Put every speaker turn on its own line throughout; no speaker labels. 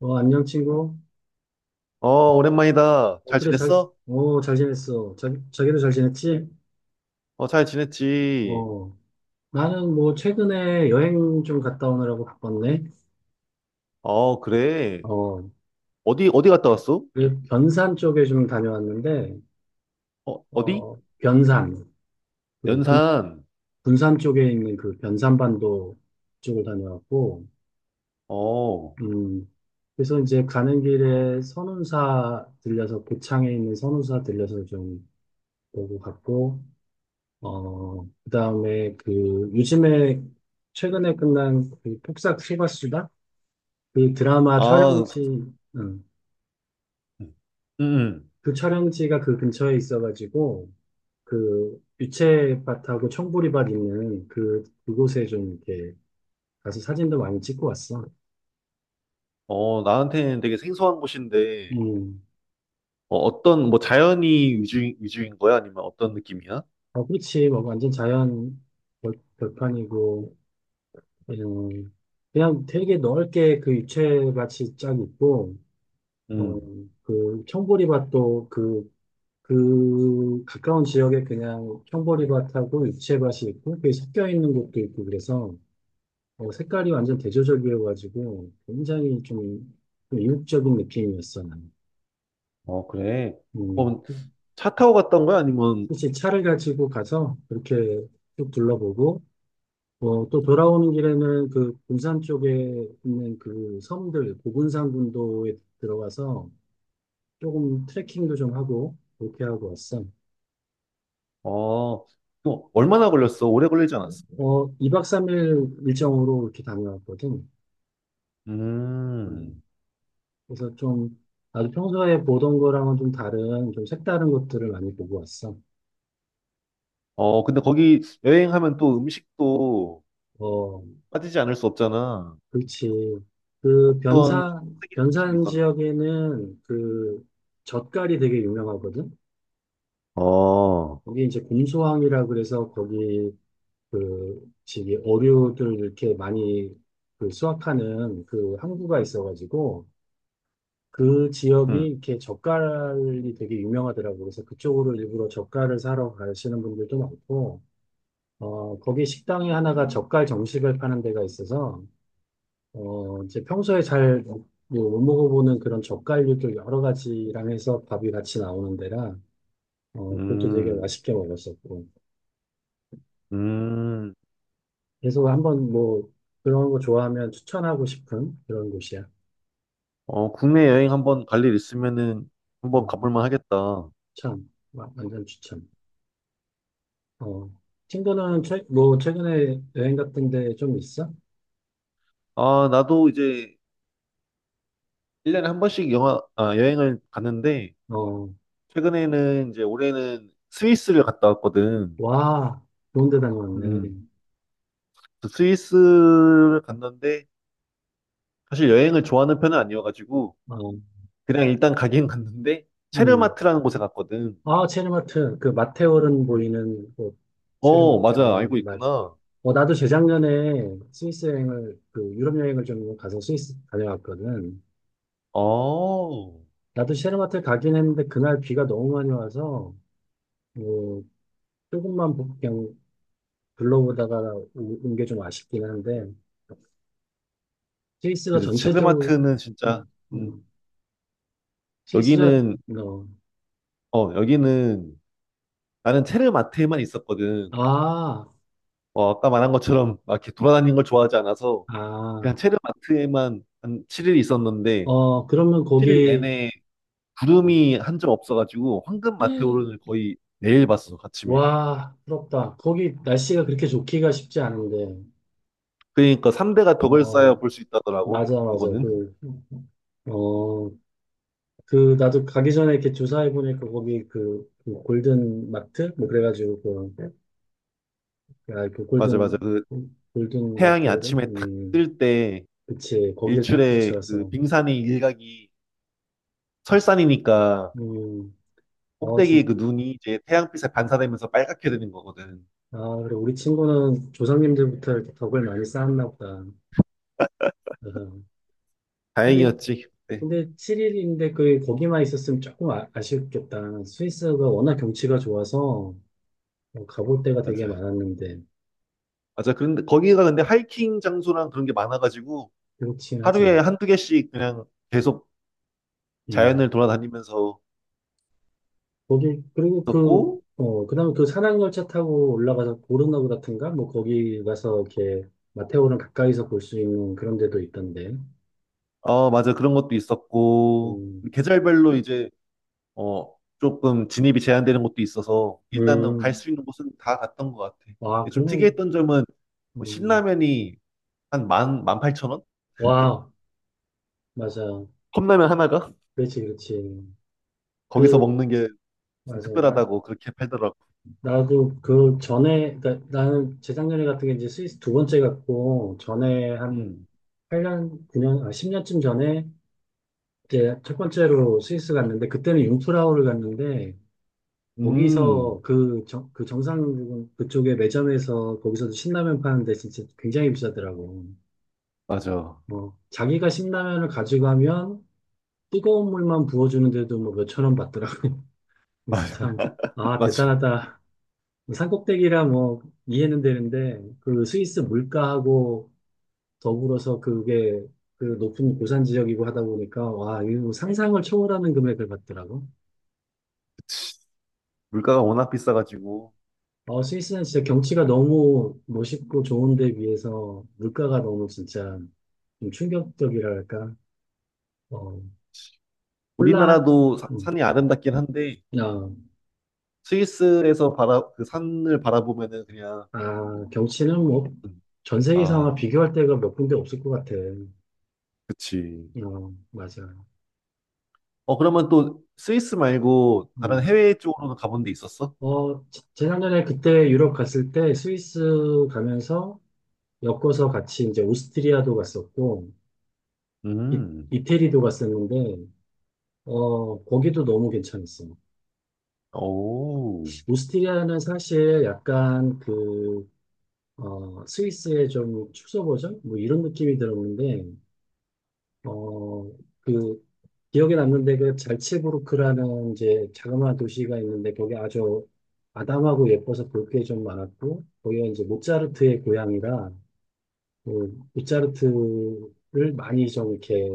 어, 안녕, 친구.
어, 오랜만이다.
어,
잘
그래, 잘,
지냈어?
어, 잘 지냈어. 자, 자기도 잘 지냈지?
어, 잘 지냈지.
어, 나는 뭐, 최근에 여행 좀 갔다 오느라고 바빴네.
어, 그래.
어,
어디 갔다 왔어?
그 변산 쪽에 좀 다녀왔는데,
어, 어디?
어, 변산, 그 군,
연산.
군산 쪽에 있는 그 변산반도 쪽을 다녀왔고.
어,
음, 그래서 이제 가는 길에 선운사 들려서, 고창에 있는 선운사 들려서 좀 보고 갔고, 어, 그다음에 그 요즘에 최근에 끝난 그 폭싹 소가수다? 그 드라마
아,
촬영지, 응.
음, 음. 음.
그 촬영지가 그 근처에 있어가지고 그 유채밭하고 청보리밭 있는 그 그곳에 좀 이렇게 가서 사진도 많이 찍고 왔어.
어, 나한테는 되게 생소한 곳인데,
음.
어, 어떤, 뭐, 자연이 위주인 거야? 아니면 어떤 느낌이야?
아, 그렇지. 뭐 완전 자연 벌판이고. 음, 그냥 되게 넓게 그 유채밭이 쫙 있고 어,
음,
그 청보리밭도 그 그 가까운 지역에 그냥 형보리밭하고 육채밭이 있고 그게 섞여 있는 곳도 있고 그래서 어, 색깔이 완전 대조적이어가지고 굉장히 좀, 좀 이국적인 느낌이었어 나는.
어, 그래.
음,
어, 차 타고 갔던 거야? 아니면,
혹시 차를 가지고 가서 그렇게 쭉 둘러보고 어, 또 돌아오는 길에는 그 군산 쪽에 있는 그 섬들 고군산 군도에 들어가서 조금 트레킹도 좀 하고 그렇게 하고 왔어.
어, 또 얼마나 걸렸어? 오래 걸리지 않았어?
어, 2박 3일 일정으로 이렇게 다녀왔거든.
음,
음, 그래서 좀 아주 평소에 보던 거랑은 좀 다른 좀 색다른 것들을 많이 보고 왔어.
어, 근데 거기 여행하면 또 음식도
어,
빠지지 않을 수 없잖아.
그렇지. 그
어떤 좀
변산
특이한 음식이
변산
있었나?
지역에는 그 젓갈이 되게 유명하거든.
어,
거기 이제 곰소항이라 그래서 거기 그 지기 어류들 이렇게 많이 그 수확하는 그 항구가 있어가지고 그 지역이
음,
이렇게 젓갈이 되게 유명하더라고. 그래서 그쪽으로 일부러 젓갈을 사러 가시는 분들도 많고. 어, 거기 식당이 하나가 젓갈 정식을 파는 데가 있어서, 어, 이제 평소에 잘 뭐 못 먹어보는 그런 젓갈류도 여러 가지랑 해서 밥이 같이 나오는 데라, 어, 그것도 되게
음,
맛있게 먹었었고.
음.
그래서 한번 뭐, 그런 거 좋아하면 추천하고 싶은 그런 곳이야.
어, 국내 여행 한번 갈 일 있으면은 한번
음,
가볼 만 하겠다.
참, 와, 완전 추천. 어, 친구는 최근에 여행 같은 데 좀 있어?
아, 나도 이제 1년에 한 번씩 영화, 아, 여행을 갔는데,
어,
최근에는 이제 올해는 스위스를 갔다 왔거든.
와, 좋은 데 다녀왔네.
음. 그 스위스를 갔는데, 사실 여행을 좋아하는 편은 아니어가지고,
어,
그냥 일단 가긴 갔는데,
음.
체르마트라는 곳에 갔거든.
아, 체르마트. 그 마테오른 보이는 곳.
어,
체르마트.
맞아.
어,
알고
맞아.
있구나.
어, 나도 재작년에 스위스 여행을, 그 유럽 여행을 좀 가서 스위스 다녀왔거든.
어,
나도 체르마트 가긴 했는데 그날 비가 너무 많이 와서, 뭐, 조금만 그냥 둘러보다가 온 게 좀 아쉽긴 한데, 스위스가
그래서 르마트
전체적으로,
는 진짜,
음,
음,
음, 스위스가,
여기는,
어,
어, 여기는, 나는 체르마트에만 있었거든.
아,
어, 아까 말한 것처럼 막 이렇게 돌아다니는 걸 좋아하지 않아서 그냥
아,
체르마트에만 한 7일 있었는데,
어, 그러면
7일
거기,
내내
어,
구름이 한 점 없어가지고 황금 마테오를 거의 매일 봤어, 아침에.
와, 부럽다. 거기 날씨가 그렇게 좋기가 쉽지 않은데.
그러니까 3대가 덕을
어,
쌓여 볼 수 있다더라고,
맞아, 맞아.
그거는.
그, 어, 그, 나도 가기 전에 이렇게 조사해보니까 거기 그, 그 골든 마트? 뭐 그래가지고 그, 야, 그
맞아, 맞아.
골든,
그
골든
태양이
마테오름?
아침에 탁 뜰 때,
그치. 거길 딱
일출에 그
비추어서.
빙산의 일각이 설산이니까
음, 어,
꼭대기
진,
그 눈이 이제 태양빛에 반사되면서 빨갛게 되는 거거든.
아, 그래. 우리 친구는 조상님들부터 이렇게 덕을 많이 쌓았나 보다. 어허. 근데
다행이었지. 네,
근데 7일인데 그 거기만 있었으면 조금 아, 아쉽겠다. 스위스가 워낙 경치가 좋아서 어, 가볼 데가 되게
맞아.
많았는데
맞아. 그런데 거기가 근데 하이킹 장소랑 그런 게 많아가지고
그렇긴
하루에
하지.
한두 개씩 그냥 계속 자연을
음.
돌아다니면서
거기 그리고 그
있었고,
어, 그다음에 그 산악열차 타고 올라가서 고르노브 같은가 뭐 거기 가서 이렇게 마테오를 가까이서 볼 수 있는 그런 데도 있던데.
어, 맞아. 그런 것도 있었고,
음.
계절별로 이제, 어, 조금 진입이 제한되는 곳도 있어서 일단은 갈
음,
수 있는 곳은 다 갔던 것 같아.
와,
근데 좀
그럼,
특이했던 점은 뭐
음,
신라면이 한 만, 18,000원?
와, 맞아.
컵라면 하나가?
그렇지, 그렇지.
거기서
그,
먹는 게 좀
맞아. 나
특별하다고 그렇게 팔더라고.
나도 그 전에, 그러니까 나는 재작년에 같은 게 이제 스위스 두 번째 갔고, 전에 한
음.
8년, 9년, 아, 10년쯤 전에 이제 첫 번째로 스위스 갔는데, 그때는 융프라우를 갔는데,
음,
거기서 그, 정, 그 정상 부분 그쪽에 매점에서 거기서도 신라면 파는데 진짜 굉장히 비싸더라고.
맞아.
뭐, 자기가 신라면을 가지고 하면 뜨거운 물만 부어주는데도 뭐 몇천 원 받더라고. 그래서
맞아.
참, 아,
맞아.
대단하다. 뭐 산꼭대기라 뭐 이해는 되는데 그 스위스 물가하고 더불어서 그게 그 높은 고산 지역이고 하다 보니까 와, 이거 상상을 초월하는 금액을 받더라고.
그치. 물가가 워낙 비싸가지고.
어, 스위스는 진짜 경치가 너무 멋있고 좋은데 비해서 물가가 너무 진짜 좀 충격적이랄까. 어, 콜라,
우리나라도
음,
산이 아름답긴 한데,
어,
스위스에서 그 산을 바라보면은 그냥,
아, 경치는 뭐
음,
전 세계에서 아마
아,
비교할 데가 몇 군데 없을 것 같아.
그치.
어, 맞아.
어, 그러면 또 스위스 말고 다른
음.
해외 쪽으로는 가본 데 있었어?
어, 재작년에 그때 유럽 갔을 때 스위스 가면서 엮어서 같이 이제 오스트리아도 갔었고, 이,
음,
이태리도 갔었는데, 어, 거기도 너무 괜찮았어요.
오,
오스트리아는 사실 약간 그, 어, 스위스의 좀 축소 버전? 뭐 이런 느낌이 들었는데, 어, 그, 기억에 남는 데가 잘츠부르크라는 이제 자그마한 도시가 있는데, 거기 아주 아담하고 예뻐서 볼 게 좀 많았고, 거기가 이제 모차르트의 고향이라, 그모르트를 많이 좀 이렇게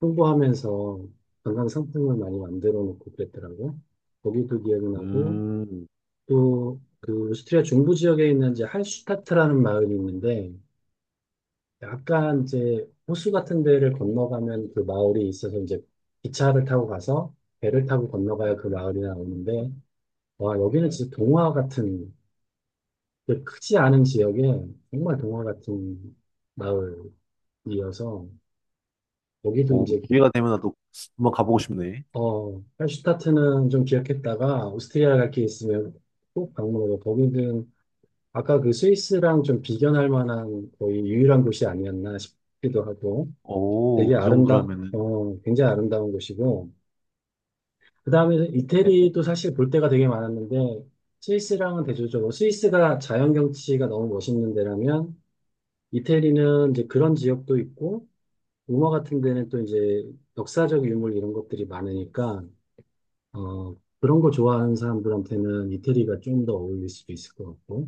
홍보하면서 관광 상품을 많이 만들어 놓고 그랬더라고요. 거기도 기억나고
음,
또 그 오스트리아 중부 지역에 있는 이제 할슈타트라는 마을이 있는데 약간 이제 호수 같은 데를 건너가면 그 마을이 있어서 이제 기차를 타고 가서 배를 타고 건너가야 그 마을이 나오는데 와 여기는 진짜 동화 같은 크지 않은 지역에 정말 동화 같은 마을이어서 여기도
오,
이제
기회가 되면 나도 한번 가보고 싶네.
어, 할슈타트는 좀 기억했다가 오스트리아 갈 게 있으면 꼭 방문하고 거기는 아까 그 스위스랑 좀 비견할 만한 거의 유일한 곳이 아니었나 싶기도 하고
오,
되게
그
아름다,
정도라면은,
어, 굉장히 아름다운 곳이고 그다음에 이태리도 사실 볼 데가 되게 많았는데 스위스랑은 대조적으로 스위스가 자연 경치가 너무 멋있는 데라면 이태리는 이제 그런 지역도 있고 로마 같은 데는 또 이제 역사적 유물 이런 것들이 많으니까 어, 그런 거 좋아하는 사람들한테는 이태리가 좀 더 어울릴 수도 있을 것 같고,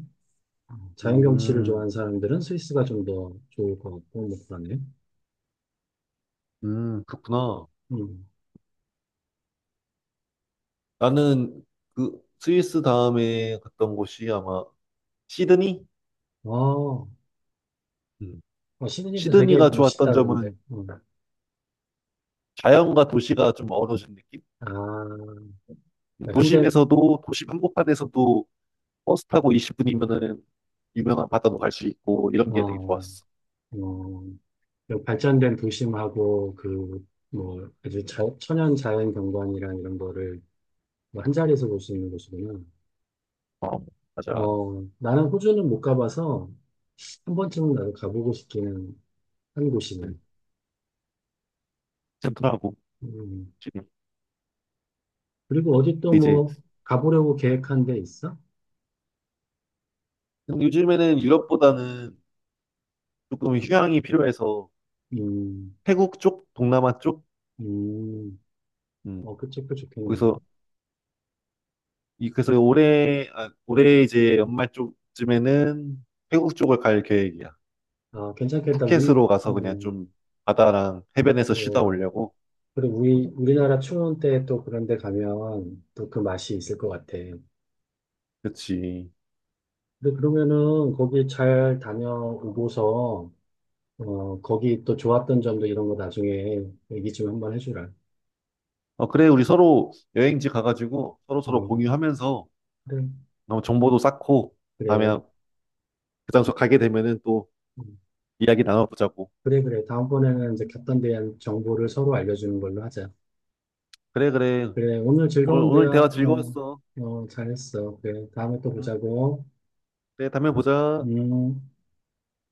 자연 경치를
음,
좋아하는 사람들은 스위스가 좀 더 좋을 것 같고, 뭐 그러네.
그렇구나.
음.
나는 그 스위스 다음에 갔던 곳이 아마 시드니?
아, 어,
음.
시드니도 되게
시드니가 좋았던
멋있다, 그런데.
점은
음.
자연과 도시가 좀 어우러진 느낌?
아, 현대,
도심에서도, 도심 한복판에서도 버스 타고 20분이면은 유명한 바다도 갈 수 있고 이런 게 되게
어,
좋았어.
어, 그 발전된 도심하고, 그, 뭐, 아주 자, 천연 자연 경관이랑 이런 거를 뭐 한자리에서 볼 수 있는 곳이구나.
어, 맞아.
어, 나는 호주는 못 가봐서 한 번쯤은 나도 가보고 싶기는 한 곳이네.
음, 젠틀하고
음.
지금
그리고 어디 또
이제
뭐 가보려고 계획한 데 있어?
요즘에는 유럽보다는 조금 휴양이 필요해서
음,
태국 쪽, 동남아 쪽,
음,
음,
어, 그치, 그 책도 좋겠네.
거기서 이 그래서 올해 아, 올해 이제 연말 쪽쯤에는 태국 쪽을 갈 계획이야.
아, 괜찮겠다. 우리,
푸켓으로 가서 그냥
음,
좀 바다랑 해변에서 쉬다
그,
오려고.
그리고 우리나라 추운 때 또 그런 데 가면 또 그 맛이 있을 것 같아.
그치.
근데 그러면은 거기 잘 다녀오고서, 어, 거기 또 좋았던 점도 이런 거 나중에 얘기 좀 한번 해주라.
어 그래 우리 서로 여행지 가가지고 서로 서로
어,
공유하면서
그래,
너무 정보도 쌓고 다음에
그래.
그 장소 가게 되면은 또
음,
이야기 나눠보자고.
그래, 그래. 다음번에는 이제 갔던 데 대한 정보를 서로 알려주는 걸로 하자.
그래 그래
그래, 오늘
오늘
즐거운
오늘 대화
대화, 어,
즐거웠어.
어, 잘했어. 그래, 다음에 또
응.
보자고.
그래 다음에 보자.
음.